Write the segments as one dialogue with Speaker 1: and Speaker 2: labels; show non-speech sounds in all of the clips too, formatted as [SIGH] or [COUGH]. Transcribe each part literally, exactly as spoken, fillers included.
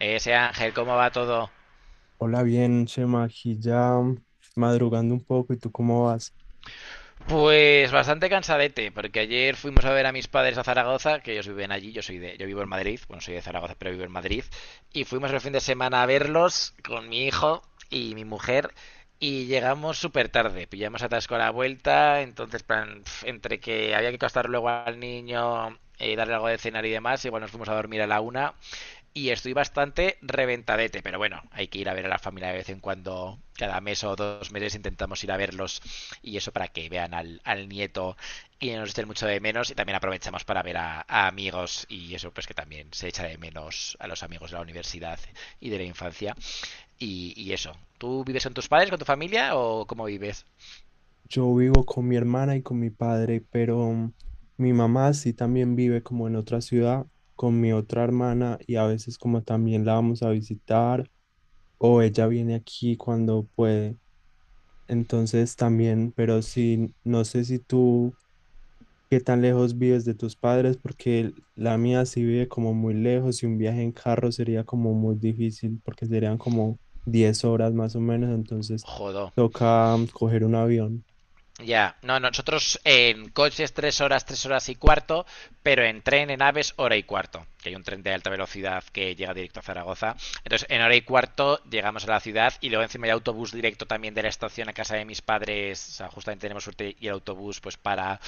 Speaker 1: Eh, Ese Ángel, ¿cómo va todo?
Speaker 2: Hola, bien, Chema, aquí ya madrugando un poco, ¿y tú cómo vas?
Speaker 1: Pues bastante cansadete, porque ayer fuimos a ver a mis padres a Zaragoza, que ellos viven allí, yo soy de, yo vivo en Madrid, bueno, soy de Zaragoza, pero vivo en Madrid, y fuimos el fin de semana a verlos con mi hijo y mi mujer, y llegamos súper tarde, pillamos atasco a la vuelta, entonces plan, pf, entre que había que acostar luego al niño, eh, darle algo de cenar y demás, igual nos fuimos a dormir a la una. Y estoy bastante reventadete, pero bueno, hay que ir a ver a la familia de vez en cuando, cada mes o dos meses intentamos ir a verlos y eso para que vean al, al nieto y nos echen mucho de menos y también aprovechamos para ver a, a amigos y eso pues que también se echa de menos a los amigos de la universidad y de la infancia y, y eso. ¿Tú vives con tus padres, con tu familia o cómo vives?
Speaker 2: Yo vivo con mi hermana y con mi padre, pero mm, mi mamá sí también vive como en otra ciudad con mi otra hermana y a veces como también la vamos a visitar o ella viene aquí cuando puede. Entonces también, pero sí, no sé si tú. ¿Qué tan lejos vives de tus padres? Porque el- la mía sí vive como muy lejos y un viaje en carro sería como muy difícil porque serían como diez horas más o menos, entonces
Speaker 1: Jodo.
Speaker 2: toca mm, coger un avión.
Speaker 1: Ya, no, nosotros en coches tres horas, tres horas y cuarto, pero en tren, en aves, hora y cuarto, que hay un tren de alta velocidad que llega directo a Zaragoza. Entonces, en hora y cuarto llegamos a la ciudad y luego encima hay autobús directo también de la estación a casa de mis padres, o sea, justamente tenemos suerte y el autobús pues para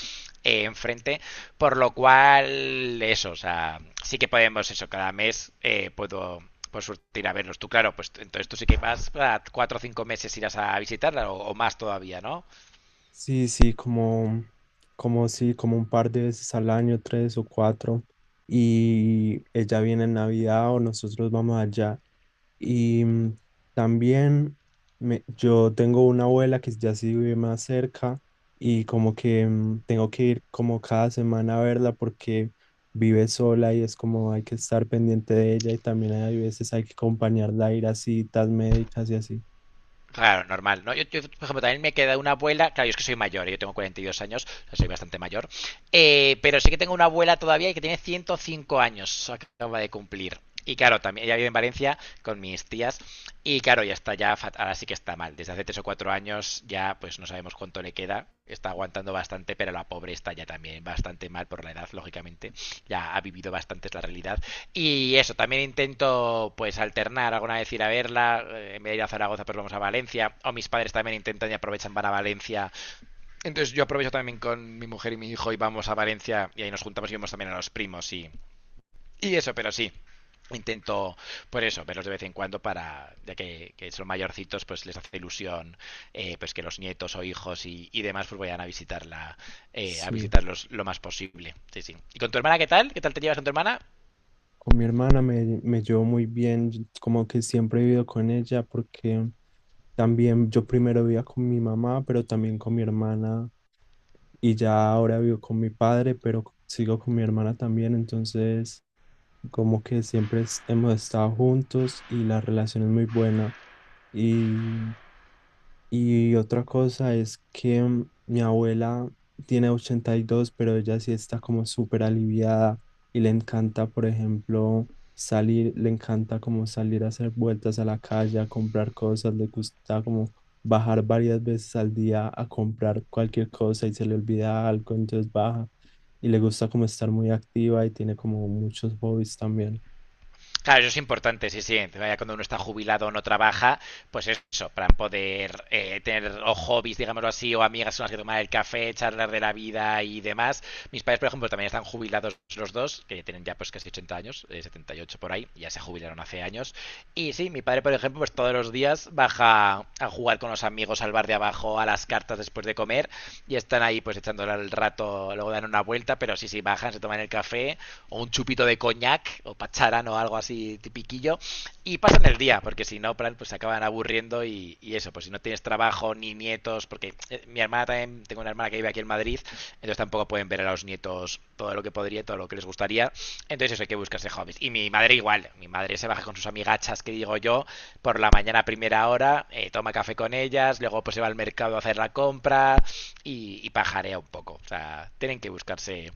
Speaker 1: eh, enfrente, por lo cual eso, o sea, sí que podemos eso, cada mes eh, puedo por suerte ir a verlos. Tú, claro, pues entonces tú sí que vas para cuatro o cinco meses irás a visitarla o, o más todavía, ¿no?
Speaker 2: Sí, sí, como, como sí, como un par de veces al año, tres o cuatro, y ella viene en Navidad o nosotros vamos allá. Y mm, También me- yo tengo una abuela que ya sí vive más cerca y como que mm, tengo que ir como cada semana a verla porque vive sola y es como hay que estar pendiente de ella y también hay veces hay que acompañarla a ir a citas médicas y así.
Speaker 1: Claro, normal, ¿no? Yo, yo, por ejemplo, también me queda una abuela, claro, yo es que soy mayor, yo tengo cuarenta y dos años, o sea, soy bastante mayor, eh, pero sí que tengo una abuela todavía que tiene ciento cinco años, acaba de cumplir. Y claro, también ella vive en Valencia con mis tías y claro, ya está, ya fat- ahora sí que está mal. Desde hace tres o cuatro años ya pues no sabemos cuánto le queda. Está aguantando bastante, pero la pobre está ya también bastante mal por la edad, lógicamente. Ya ha vivido bastante es la realidad y eso, también intento pues alternar, alguna vez ir a verla, eh, en vez de ir a Zaragoza pues vamos a Valencia, o mis padres también intentan y aprovechan, van a Valencia. Entonces yo aprovecho también con mi mujer y mi hijo y vamos a Valencia y ahí nos juntamos y vemos también a los primos y, y eso, pero sí. Intento, por eso, verlos de vez en cuando para, ya que, que son mayorcitos, pues les hace ilusión eh, pues que los nietos o hijos y, y demás pues vayan a visitarla, eh, a
Speaker 2: Sí,
Speaker 1: visitarlos lo más posible. Sí, sí. ¿Y con tu hermana qué tal? ¿Qué tal te llevas con tu hermana?
Speaker 2: con mi hermana me, me llevo muy bien, yo como que siempre he vivido con ella porque también yo primero vivía con mi mamá, pero también con mi hermana y ya ahora vivo con mi padre, pero c- sigo con mi hermana también, entonces como que siempre es- hemos estado juntos y la relación es muy buena. Y y otra cosa es que mm, mi abuela tiene ochenta y dos, pero ella sí está como súper aliviada y le encanta, por ejemplo, salir, le encanta como salir a hacer vueltas a la calle, a comprar cosas, le gusta como bajar varias veces al día a comprar cualquier cosa y se le olvida algo, entonces baja y le gusta como estar muy activa y tiene como muchos hobbies también.
Speaker 1: Claro, eso es importante, sí, sí. Vaya, cuando uno está jubilado o no trabaja, pues eso, para poder eh, tener o hobbies, digámoslo así, o amigas con las que tomar el café, charlar de la vida y demás. Mis padres, por ejemplo, también están jubilados los dos, que tienen ya pues casi ochenta años, eh, setenta y ocho por ahí, ya se jubilaron hace años. Y sí, mi padre, por ejemplo, pues todos los días baja a jugar con los amigos al bar de abajo, a las cartas después de comer, y están ahí pues echándole el rato, luego dan una vuelta, pero sí, sí, bajan, se toman el café o un chupito de coñac o pacharán o algo así tipiquillo y pasan el día, porque si no, pues se acaban aburriendo y, y eso, pues si no tienes trabajo ni nietos, porque eh, mi hermana también, tengo una hermana que vive aquí en Madrid, entonces tampoco pueden ver a los nietos todo lo que podría, todo lo que les gustaría, entonces eso hay que buscarse hobbies. Y mi madre igual, mi madre se baja con sus amigachas que digo yo, por la mañana a primera hora, eh, toma café con ellas, luego pues se va al mercado a hacer la compra y, y pajarea un poco, o sea, tienen que buscarse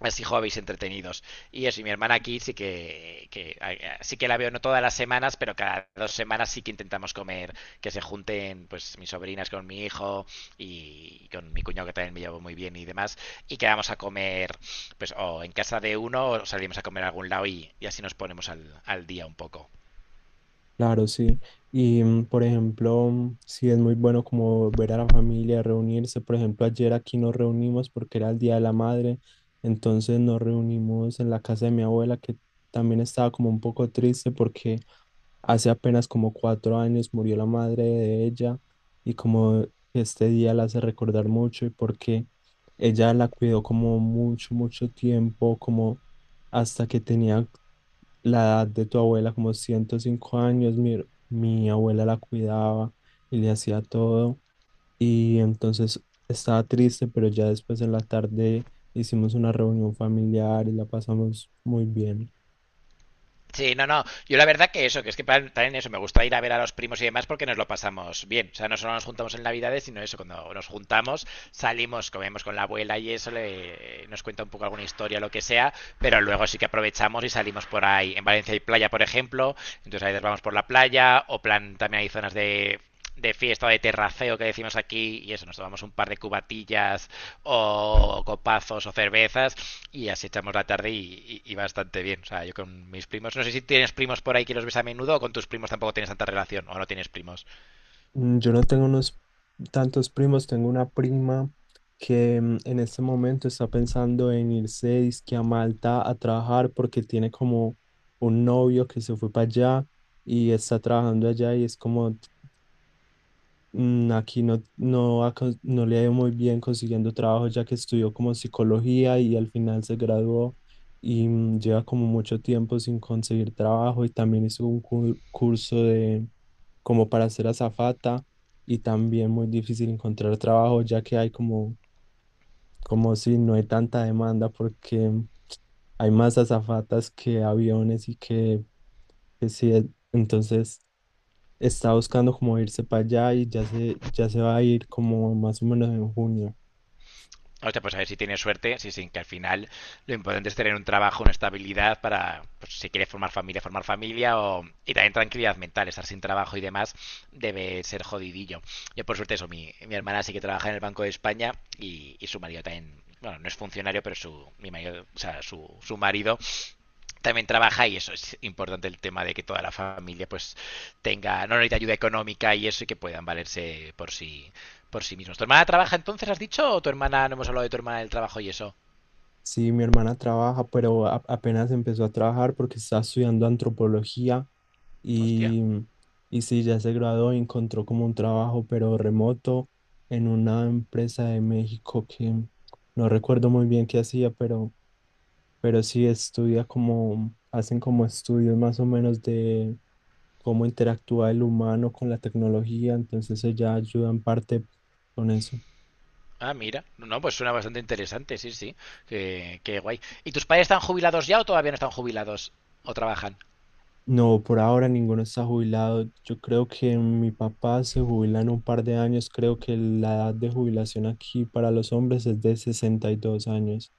Speaker 1: así hobbies entretenidos. Y eso, y mi hermana aquí sí que, que sí que la veo no todas las semanas, pero cada dos semanas sí que intentamos comer, que se junten pues mis sobrinas con mi hijo y con mi cuñado que también me llevo muy bien y demás, y quedamos a comer pues o en casa de uno o salimos a comer a algún lado y, y así nos ponemos al, al día un poco.
Speaker 2: Claro, sí. Y mm, por ejemplo, mm, sí es muy bueno como ver a la familia, reunirse. Por ejemplo, ayer aquí nos reunimos porque era el Día de la Madre. Entonces nos reunimos en la casa de mi abuela, que también estaba como un poco triste porque hace apenas como cuatro años murió la madre de ella. Y como este día la hace recordar mucho y porque ella la cuidó como mucho, mucho tiempo, como hasta que tenía la edad de tu abuela, como ciento cinco años, mi, mi abuela la cuidaba y le hacía todo. Y entonces estaba triste, pero ya después en la tarde hicimos una reunión familiar y la pasamos muy bien.
Speaker 1: Sí, no, no. Yo la verdad que eso, que es que pa- también eso, me gusta ir a ver a los primos y demás porque nos lo pasamos bien. O sea, no solo nos juntamos en Navidades, sino eso, cuando nos juntamos, salimos, comemos con la abuela y eso, le, nos cuenta un poco alguna historia, lo que sea, pero luego sí que aprovechamos y salimos por ahí. En Valencia hay playa, por ejemplo, entonces a veces vamos por la playa, o plan, también hay zonas de de fiesta de terraceo que decimos aquí y eso, nos tomamos un par de cubatillas o copazos o cervezas y así echamos la tarde y, y, y, bastante bien. O sea, yo con mis primos, no sé si tienes primos por ahí que los ves a menudo o con tus primos tampoco tienes tanta relación o no tienes primos.
Speaker 2: Mm, Yo no tengo unos tantos primos, tengo una prima que mm, en este momento está pensando en irse dizque a Malta a trabajar porque tiene como un novio que se fue para allá y está trabajando allá y es como mm, aquí no, no, ha cons- no le ha ido muy bien consiguiendo trabajo ya que estudió como psicología y al final se graduó y mm, lleva como mucho tiempo sin conseguir trabajo y también hizo un cu- curso de como para ser azafata y también muy difícil encontrar trabajo ya que hay como, como si no hay tanta demanda porque hay más azafatas que aviones y que, que sí, entonces está buscando como irse para allá y ya se, ya se va a ir como más o menos en junio.
Speaker 1: O sea, pues a ver si tiene suerte, sí, sí, que al final lo importante es tener un trabajo, una estabilidad para, pues, si quieres formar familia, formar familia o, y también tranquilidad mental, estar sin trabajo y demás debe ser jodidillo. Yo por suerte eso, mi, mi hermana sí que trabaja en el Banco de España y, y su marido también, bueno, no es funcionario, pero su, mi marido, o sea, su, su marido también trabaja y eso es importante el tema de que toda la familia pues tenga, no necesita ayuda económica y eso y que puedan valerse por sí, por sí mismos. ¿Tu hermana trabaja entonces, has dicho? ¿O tu hermana, no hemos hablado de tu hermana del trabajo y eso?
Speaker 2: Sí, mi hermana trabaja, pero a- apenas empezó a trabajar porque está estudiando antropología
Speaker 1: Hostia.
Speaker 2: y, y sí, ya se graduó y encontró como un trabajo, pero remoto en una empresa de México que no recuerdo muy bien qué hacía, pero, pero sí estudia como, hacen como estudios más o menos de cómo interactúa el humano con la tecnología, entonces ella ayuda en parte con eso.
Speaker 1: Ah, mira. No, pues suena bastante interesante, sí, sí. Qué, qué guay. ¿Y tus padres están jubilados ya o todavía no están jubilados? ¿O trabajan?
Speaker 2: No, por ahora ninguno está jubilado. Yo creo que mi papá se jubila en un par de años. Creo que la edad de jubilación aquí para los hombres es de sesenta y dos años.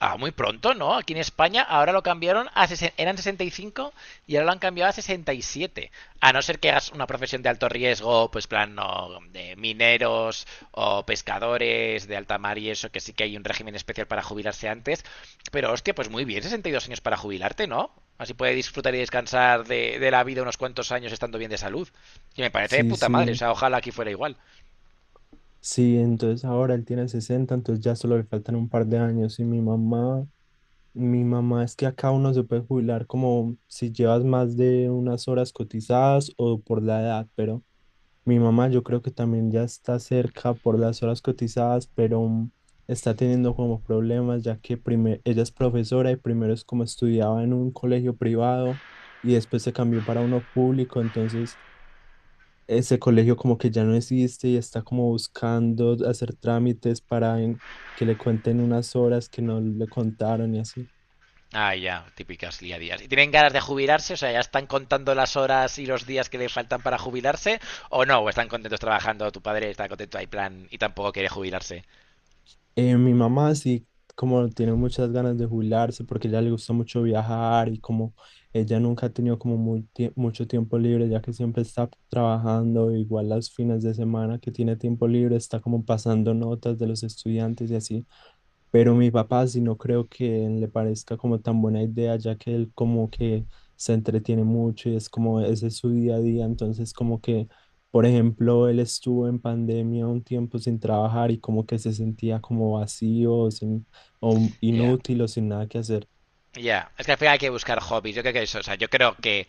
Speaker 1: Ah, muy pronto, ¿no? Aquí en España ahora lo cambiaron a... sesen- Eran sesenta y cinco y cinco y ahora lo han cambiado a sesenta y siete. A no ser que hagas una profesión de alto riesgo, pues plan no, de mineros o pescadores de alta mar y eso, que sí que hay un régimen especial para jubilarse antes. Pero hostia, pues muy bien, sesenta y dos años para jubilarte, ¿no? Así puedes disfrutar y descansar de, de la vida unos cuantos años estando bien de salud. Y me parece de
Speaker 2: Sí,
Speaker 1: puta madre, o
Speaker 2: sí,
Speaker 1: sea, ojalá aquí fuera igual.
Speaker 2: sí, entonces ahora él tiene sesenta, entonces ya solo le faltan un par de años. Y mi mamá, mi mamá es que acá uno se puede jubilar como si llevas más de unas horas cotizadas o por la edad, pero... Mi mamá yo creo que también ya está cerca por las horas cotizadas, pero mm, está teniendo como problemas ya que prime- ella es profesora y primero es como estudiaba en un colegio privado y después se cambió para uno público, entonces ese colegio como que ya no existe y está como buscando hacer trámites para en- que le cuenten unas horas que no le contaron y así.
Speaker 1: Ah, ya, típicas día a día. ¿Y tienen ganas de jubilarse? O sea, ¿ya están contando las horas y los días que le faltan para jubilarse? ¿O no? ¿O están contentos trabajando? ¿Tu padre está contento? Hay plan y tampoco quiere jubilarse.
Speaker 2: Eh, mi mamá sí, como tiene muchas ganas de jubilarse porque a ella le gusta mucho viajar y como ella nunca ha tenido como muy tie- mucho tiempo libre, ya que siempre está trabajando, igual los fines de semana que tiene tiempo libre, está como pasando notas de los estudiantes y así. Pero mi papá sí no creo que le parezca como tan buena idea, ya que él como que se entretiene mucho y es como ese es su día a día. Entonces como que, por ejemplo, él estuvo en pandemia un tiempo sin trabajar y como que se sentía como vacío, sin, o
Speaker 1: Ya.
Speaker 2: inútil o sin nada que hacer.
Speaker 1: Ya, es que al final hay que buscar hobbies. Yo creo que eso, o sea, yo creo que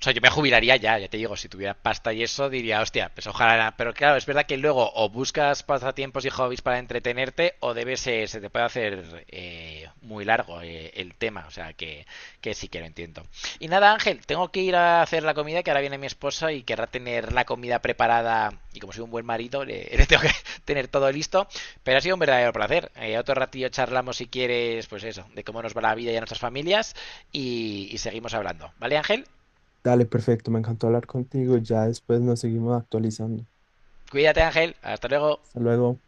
Speaker 1: O sea, yo me jubilaría ya, ya te digo, si tuviera pasta y eso, diría, hostia, pues ojalá. Pero claro, es verdad que luego o buscas pasatiempos y hobbies para entretenerte, o debes, eh, se te puede hacer eh, muy largo eh, el tema. O sea, que, que sí que lo entiendo. Y nada, Ángel, tengo que ir a hacer la comida, que ahora viene mi esposa y querrá tener la comida preparada. Y como soy un buen marido, le, [LAUGHS] le tengo que [LAUGHS] tener todo listo. Pero ha sido un verdadero placer. Eh, otro ratillo charlamos, si quieres, pues eso, de cómo nos va la vida y a nuestras familias. Y, y seguimos hablando. ¿Vale, Ángel?
Speaker 2: Dale, perfecto, me encantó hablar contigo. Ya después nos seguimos actualizando.
Speaker 1: Cuídate, Ángel. Hasta luego.
Speaker 2: Hasta luego.